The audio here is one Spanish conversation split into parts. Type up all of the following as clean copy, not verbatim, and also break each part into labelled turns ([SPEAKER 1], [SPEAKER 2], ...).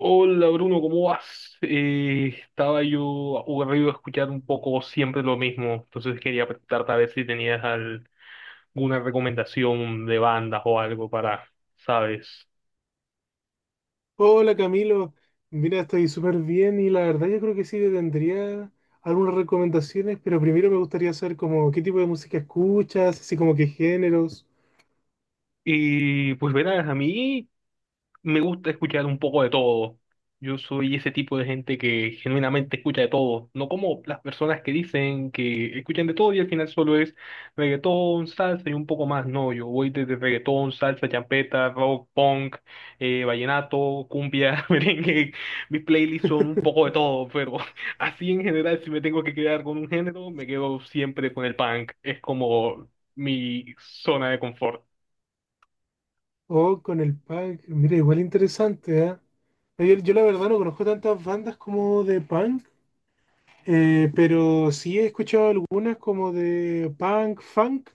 [SPEAKER 1] Hola Bruno, ¿cómo vas? Estaba yo aburrido de escuchar un poco siempre lo mismo, entonces quería preguntarte a ver si tenías alguna recomendación de bandas o algo para, ¿sabes?
[SPEAKER 2] Hola Camilo, mira, estoy súper bien y la verdad yo creo que sí te tendría algunas recomendaciones, pero primero me gustaría saber como qué tipo de música escuchas, así como qué géneros.
[SPEAKER 1] Y pues verás, a mí me gusta escuchar un poco de todo. Yo soy ese tipo de gente que genuinamente escucha de todo, no como las personas que dicen que escuchan de todo y al final solo es reggaetón, salsa y un poco más. No, yo voy desde reggaetón, salsa, champeta, rock, punk, vallenato, cumbia, merengue. Mis playlists son un poco de todo, pero así en general, si me tengo que quedar con un género, me quedo siempre con el punk. Es como mi zona de confort.
[SPEAKER 2] O con el punk, mira, igual interesante, ¿ah? Yo la verdad no conozco tantas bandas como de punk, pero sí he escuchado algunas como de punk, funk,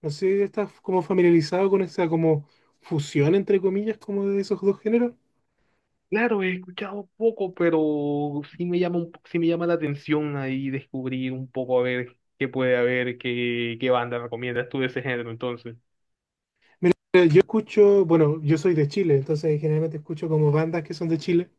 [SPEAKER 2] no sé, estás como familiarizado con esa como fusión entre comillas como de esos dos géneros.
[SPEAKER 1] Claro, he escuchado poco, pero sí me llama la atención ahí descubrir un poco a ver qué puede haber, qué banda recomiendas tú de ese género, entonces.
[SPEAKER 2] Mira, yo escucho, bueno, yo soy de Chile, entonces generalmente escucho como bandas que son de Chile.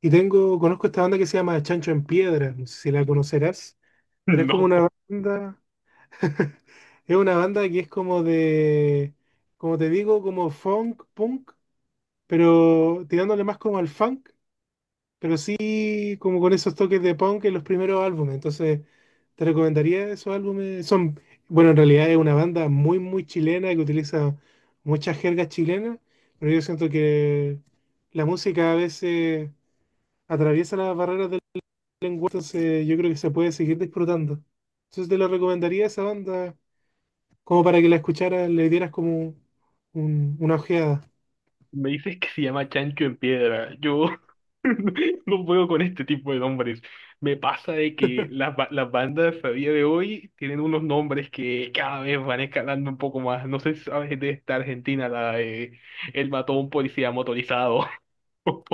[SPEAKER 2] Y tengo, conozco esta banda que se llama Chancho en Piedra, no sé si la conocerás, pero es como
[SPEAKER 1] No,
[SPEAKER 2] una banda, es una banda que es como de, como te digo, como funk, punk, pero tirándole más como al funk. Pero sí, como con esos toques de punk en los primeros álbumes. Entonces, te recomendaría esos álbumes. Son, bueno, en realidad es una banda muy, muy chilena que utiliza muchas jergas chilenas, pero yo siento que la música a veces atraviesa las barreras del lenguaje, entonces yo creo que se puede seguir disfrutando. Entonces, te lo recomendaría esa banda como para que la escucharas, le dieras como una ojeada.
[SPEAKER 1] me dices que se llama Chancho en Piedra. Yo no puedo con este tipo de nombres. Me pasa de que las bandas a día de hoy tienen unos nombres que cada vez van escalando un poco más. No sé si sabes de esta Argentina, la de El Mató a un Policía Motorizado.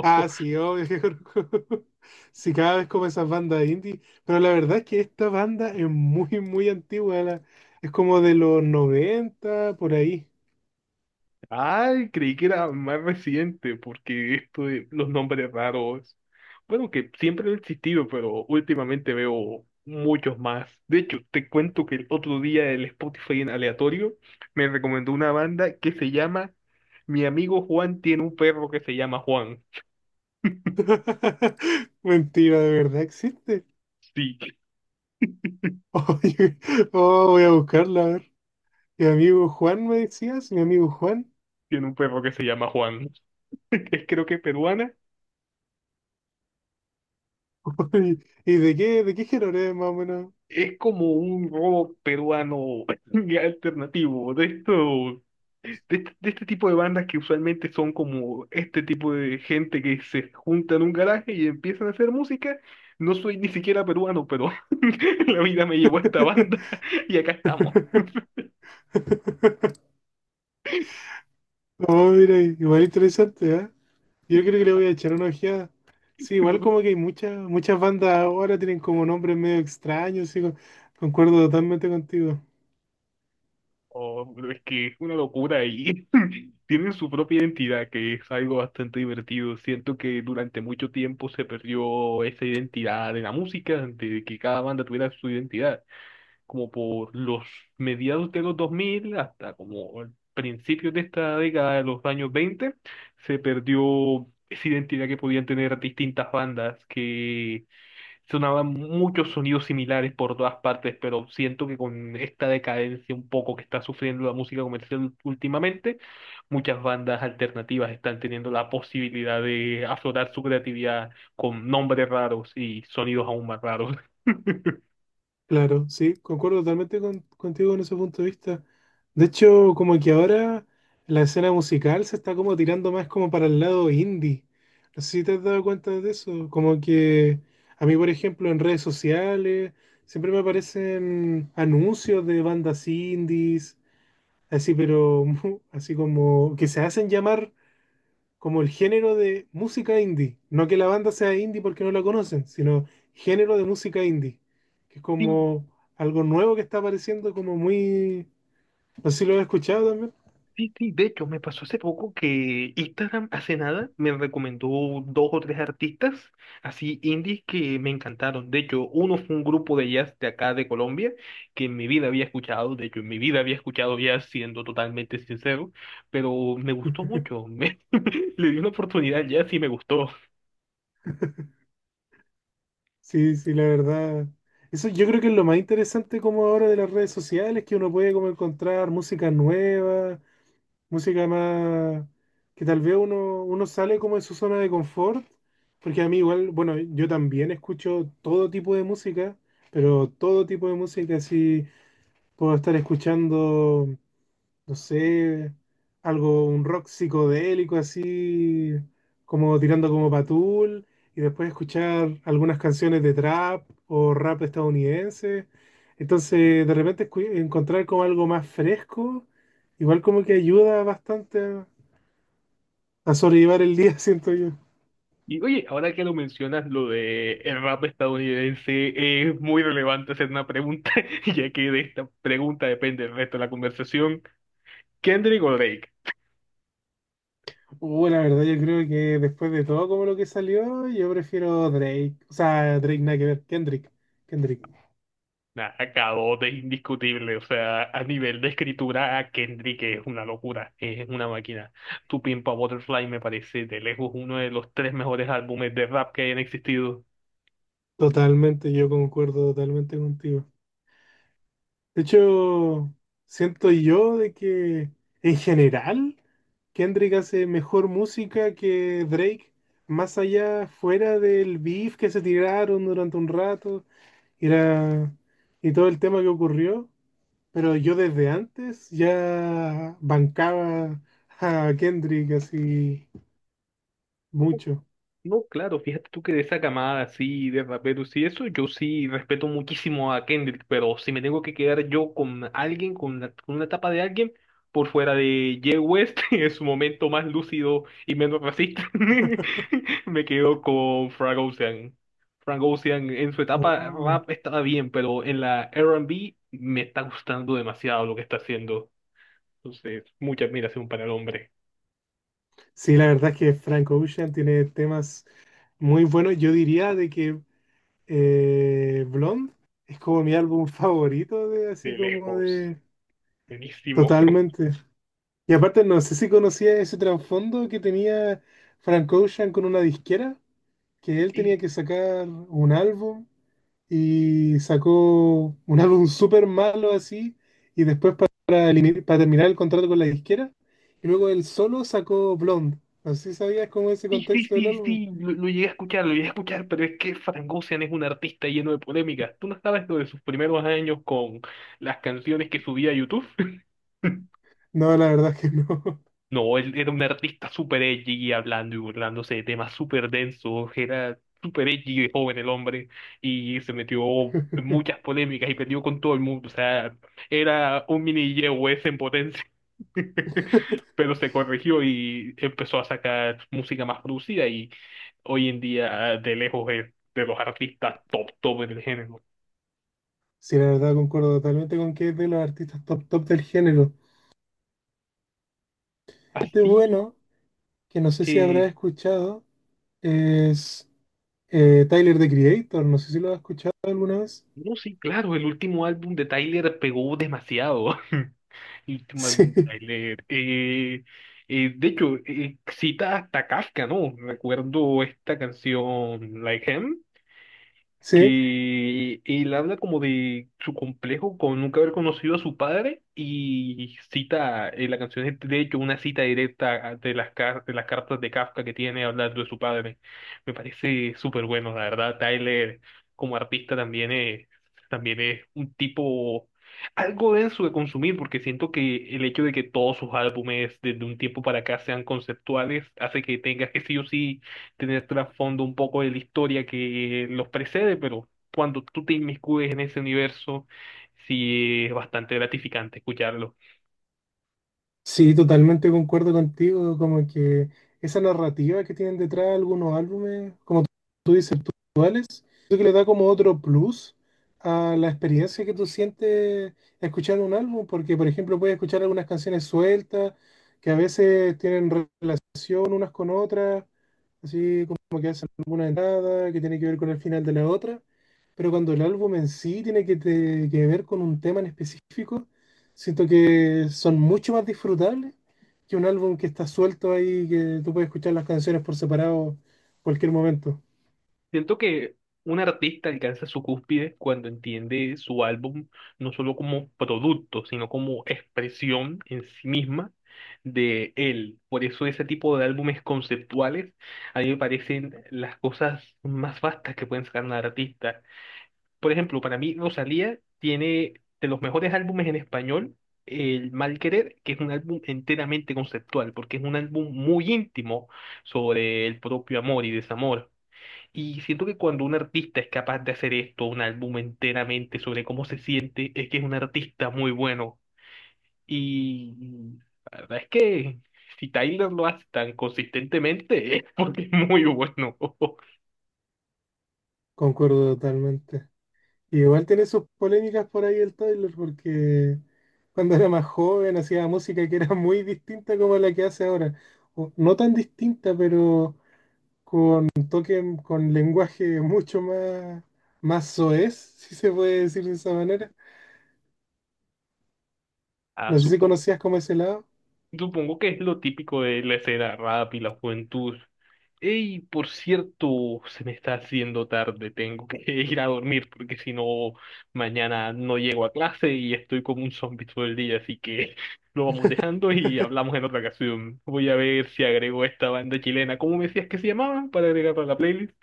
[SPEAKER 2] Ah, sí, obvio que conozco. Sí, cada vez como esas bandas indie. Pero la verdad es que esta banda es muy, muy antigua. Es como de los noventa por ahí.
[SPEAKER 1] Ay, creí que era más reciente, porque esto de los nombres raros, bueno, que siempre han existido, pero últimamente veo muchos más. De hecho, te cuento que el otro día el Spotify en aleatorio me recomendó una banda que se llama Mi amigo Juan tiene un perro que se llama Juan.
[SPEAKER 2] Mentira, de verdad existe.
[SPEAKER 1] Sí,
[SPEAKER 2] Oye, oh, voy a buscarla, a ver. Mi amigo Juan me decías, mi amigo Juan.
[SPEAKER 1] tiene un perro que se llama Juan. Es creo que peruana.
[SPEAKER 2] Oye, ¿y de qué género es más o menos?
[SPEAKER 1] Es como un rock peruano alternativo, de de este tipo de bandas que usualmente son como este tipo de gente que se junta en un garaje y empiezan a hacer música. No soy ni siquiera peruano, pero la vida me llevó a esta banda y acá estamos.
[SPEAKER 2] Oh, mira, igual interesante, ¿ah? Yo creo que le voy a echar una ojeada. Sí, igual
[SPEAKER 1] No,
[SPEAKER 2] como que hay muchas, muchas bandas ahora tienen como nombres medio extraños, sí, concuerdo totalmente contigo.
[SPEAKER 1] oh, pero es que es una locura y tienen su propia identidad, que es algo bastante divertido. Siento que durante mucho tiempo se perdió esa identidad de la música, de que cada banda tuviera su identidad. Como por los mediados de los 2000 hasta como el principio de esta década de los años 20, se perdió esa identidad que podían tener distintas bandas que sonaban muchos sonidos similares por todas partes, pero siento que con esta decadencia un poco que está sufriendo la música comercial últimamente, muchas bandas alternativas están teniendo la posibilidad de aflorar su creatividad con nombres raros y sonidos aún más raros.
[SPEAKER 2] Claro, sí, concuerdo totalmente contigo en ese punto de vista. De hecho, como que ahora la escena musical se está como tirando más como para el lado indie. No sé si te has dado cuenta de eso. Como que a mí, por ejemplo, en redes sociales siempre me aparecen anuncios de bandas indies. Así, pero así como que se hacen llamar como el género de música indie. No que la banda sea indie porque no la conocen, sino género de música indie. Que es
[SPEAKER 1] Sí.
[SPEAKER 2] como algo nuevo que está apareciendo, como muy. No sé si lo has escuchado también.
[SPEAKER 1] Sí, sí, de hecho, me pasó hace poco que Instagram hace nada me recomendó dos o tres artistas así indies que me encantaron. De hecho, uno fue un grupo de jazz de acá de Colombia que en mi vida había escuchado, de hecho, en mi vida había escuchado jazz siendo totalmente sincero, pero me gustó mucho. Le di una oportunidad al jazz y me gustó.
[SPEAKER 2] Sí, sí, la verdad. Eso yo creo que es lo más interesante como ahora de las redes sociales, que uno puede como encontrar música nueva, música más que tal vez uno sale como de su zona de confort, porque a mí igual, bueno, yo también escucho todo tipo de música, pero todo tipo de música, así puedo estar escuchando, no sé, algo, un rock psicodélico así, como tirando como patul, y después escuchar algunas canciones de trap o rap estadounidense. Entonces, de repente encontrar como algo más fresco, igual como que ayuda bastante a sobrellevar el día, siento yo.
[SPEAKER 1] Y oye, ahora que lo mencionas, lo de el rap estadounidense es muy relevante hacer una pregunta, ya que de esta pregunta depende el resto de la conversación. ¿Kendrick o Drake?
[SPEAKER 2] La verdad, yo creo que después de todo como lo que salió, yo prefiero Drake. O sea, Drake nada que ver, Kendrick. Kendrick.
[SPEAKER 1] Nada, K.O. es indiscutible, o sea, a nivel de escritura, Kendrick es una locura, es una máquina. Tu Pimp a Butterfly me parece de lejos uno de los tres mejores álbumes de rap que hayan existido.
[SPEAKER 2] Totalmente, yo concuerdo totalmente contigo. De hecho, siento yo de que en general Kendrick hace mejor música que Drake, más allá fuera del beef que se tiraron durante un rato y, y todo el tema que ocurrió, pero yo desde antes ya bancaba a Kendrick así mucho.
[SPEAKER 1] No, claro, fíjate tú que de esa camada así de raperos y eso, yo sí respeto muchísimo a Kendrick, pero si me tengo que quedar yo con alguien, con con una etapa de alguien, por fuera de Ye West, en su momento más lúcido y menos racista, me quedo con Frank Ocean. Frank Ocean en su etapa
[SPEAKER 2] Oh.
[SPEAKER 1] rap estaba bien, pero en la R&B me está gustando demasiado lo que está haciendo. Entonces, mucha admiración para el hombre,
[SPEAKER 2] Sí, la verdad es que Frank Ocean tiene temas muy buenos, yo diría de que, Blonde es como mi álbum favorito de
[SPEAKER 1] de
[SPEAKER 2] así como
[SPEAKER 1] lejos,
[SPEAKER 2] de
[SPEAKER 1] buenísimo.
[SPEAKER 2] totalmente. Y aparte no sé si conocía ese trasfondo que tenía Frank Ocean con una disquera, que él tenía que sacar un álbum y sacó un álbum súper malo así y después para, para terminar el contrato con la disquera y luego él solo sacó Blonde. No sé si sabías cómo es ese
[SPEAKER 1] Sí, sí,
[SPEAKER 2] contexto del
[SPEAKER 1] sí,
[SPEAKER 2] álbum.
[SPEAKER 1] sí, lo llegué a escuchar, lo llegué a escuchar, pero es que Frank es un artista lleno de polémicas. ¿Tú no sabes lo de sus primeros años con las canciones que subía a YouTube?
[SPEAKER 2] No, la verdad es que no.
[SPEAKER 1] No, él era un artista súper edgy, hablando y burlándose de temas súper densos, era súper edgy de joven el hombre, y se metió en muchas polémicas y perdió con todo el mundo, o sea, era un mini Yehue en potencia. Pero se corrigió y empezó a sacar música más producida y hoy en día de lejos es de los artistas top top en el género.
[SPEAKER 2] Sí, la verdad concuerdo totalmente con que es de los artistas top top del género. Este
[SPEAKER 1] Así
[SPEAKER 2] bueno, que no sé si habrás
[SPEAKER 1] que,
[SPEAKER 2] escuchado, es Tyler, The Creator. No sé si lo has escuchado alguna vez.
[SPEAKER 1] no, sí, claro, el último álbum de Tyler pegó demasiado. El último álbum
[SPEAKER 2] Sí,
[SPEAKER 1] de Tyler. De hecho, cita hasta Kafka, ¿no? Recuerdo esta canción, Like Him.
[SPEAKER 2] sí.
[SPEAKER 1] Que él habla como de su complejo con nunca haber conocido a su padre y cita, la canción es de hecho una cita directa de las, de las cartas de Kafka que tiene hablando de su padre. Me parece súper bueno, la verdad. Tyler como artista también es un tipo algo denso de consumir porque siento que el hecho de que todos sus álbumes desde un tiempo para acá sean conceptuales hace que tengas que sí o sí tener trasfondo un poco de la historia que los precede, pero cuando tú te inmiscuyes en ese universo, sí es bastante gratificante escucharlo.
[SPEAKER 2] Sí, totalmente concuerdo contigo, como que esa narrativa que tienen detrás algunos álbumes, como tú dices, actuales, creo que le da como otro plus a la experiencia que tú sientes escuchando un álbum, porque por ejemplo puedes escuchar algunas canciones sueltas que a veces tienen relación unas con otras, así como que hacen alguna entrada que tiene que ver con el final de la otra, pero cuando el álbum en sí tiene que, que ver con un tema en específico, siento que son mucho más disfrutables que un álbum que está suelto ahí, que tú puedes escuchar las canciones por separado cualquier momento.
[SPEAKER 1] Siento que un artista alcanza su cúspide cuando entiende su álbum no solo como producto, sino como expresión en sí misma de él. Por eso ese tipo de álbumes conceptuales a mí me parecen las cosas más vastas que pueden sacar un artista. Por ejemplo, para mí Rosalía tiene de los mejores álbumes en español, El Mal Querer, que es un álbum enteramente conceptual, porque es un álbum muy íntimo sobre el propio amor y desamor. Y siento que cuando un artista es capaz de hacer esto, un álbum enteramente sobre cómo se siente, es que es un artista muy bueno. Y la verdad es que si Tyler lo hace tan consistentemente, es porque es muy bueno.
[SPEAKER 2] Concuerdo totalmente. Y igual tiene sus polémicas por ahí el Tyler, porque cuando era más joven hacía música que era muy distinta como la que hace ahora. O no tan distinta, pero con toque, con lenguaje mucho más, más soez, si se puede decir de esa manera.
[SPEAKER 1] Ah,
[SPEAKER 2] No sé si
[SPEAKER 1] supongo.
[SPEAKER 2] conocías como ese lado,
[SPEAKER 1] Supongo que es lo típico de la escena rap y la juventud. Ey, por cierto, se me está haciendo tarde, tengo que ir a dormir porque si no, mañana no llego a clase y estoy como un zombie todo el día, así que lo vamos dejando y hablamos en otra ocasión. Voy a ver si agrego esta banda chilena, ¿cómo me decías que se llamaba? Para agregarla a la playlist.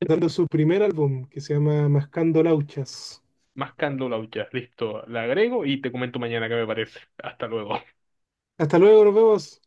[SPEAKER 2] dando su primer álbum que se llama Mascando Lauchas.
[SPEAKER 1] Mascando Lauchas, listo, la agrego y te comento mañana qué me parece. Hasta luego.
[SPEAKER 2] Hasta luego, nos vemos.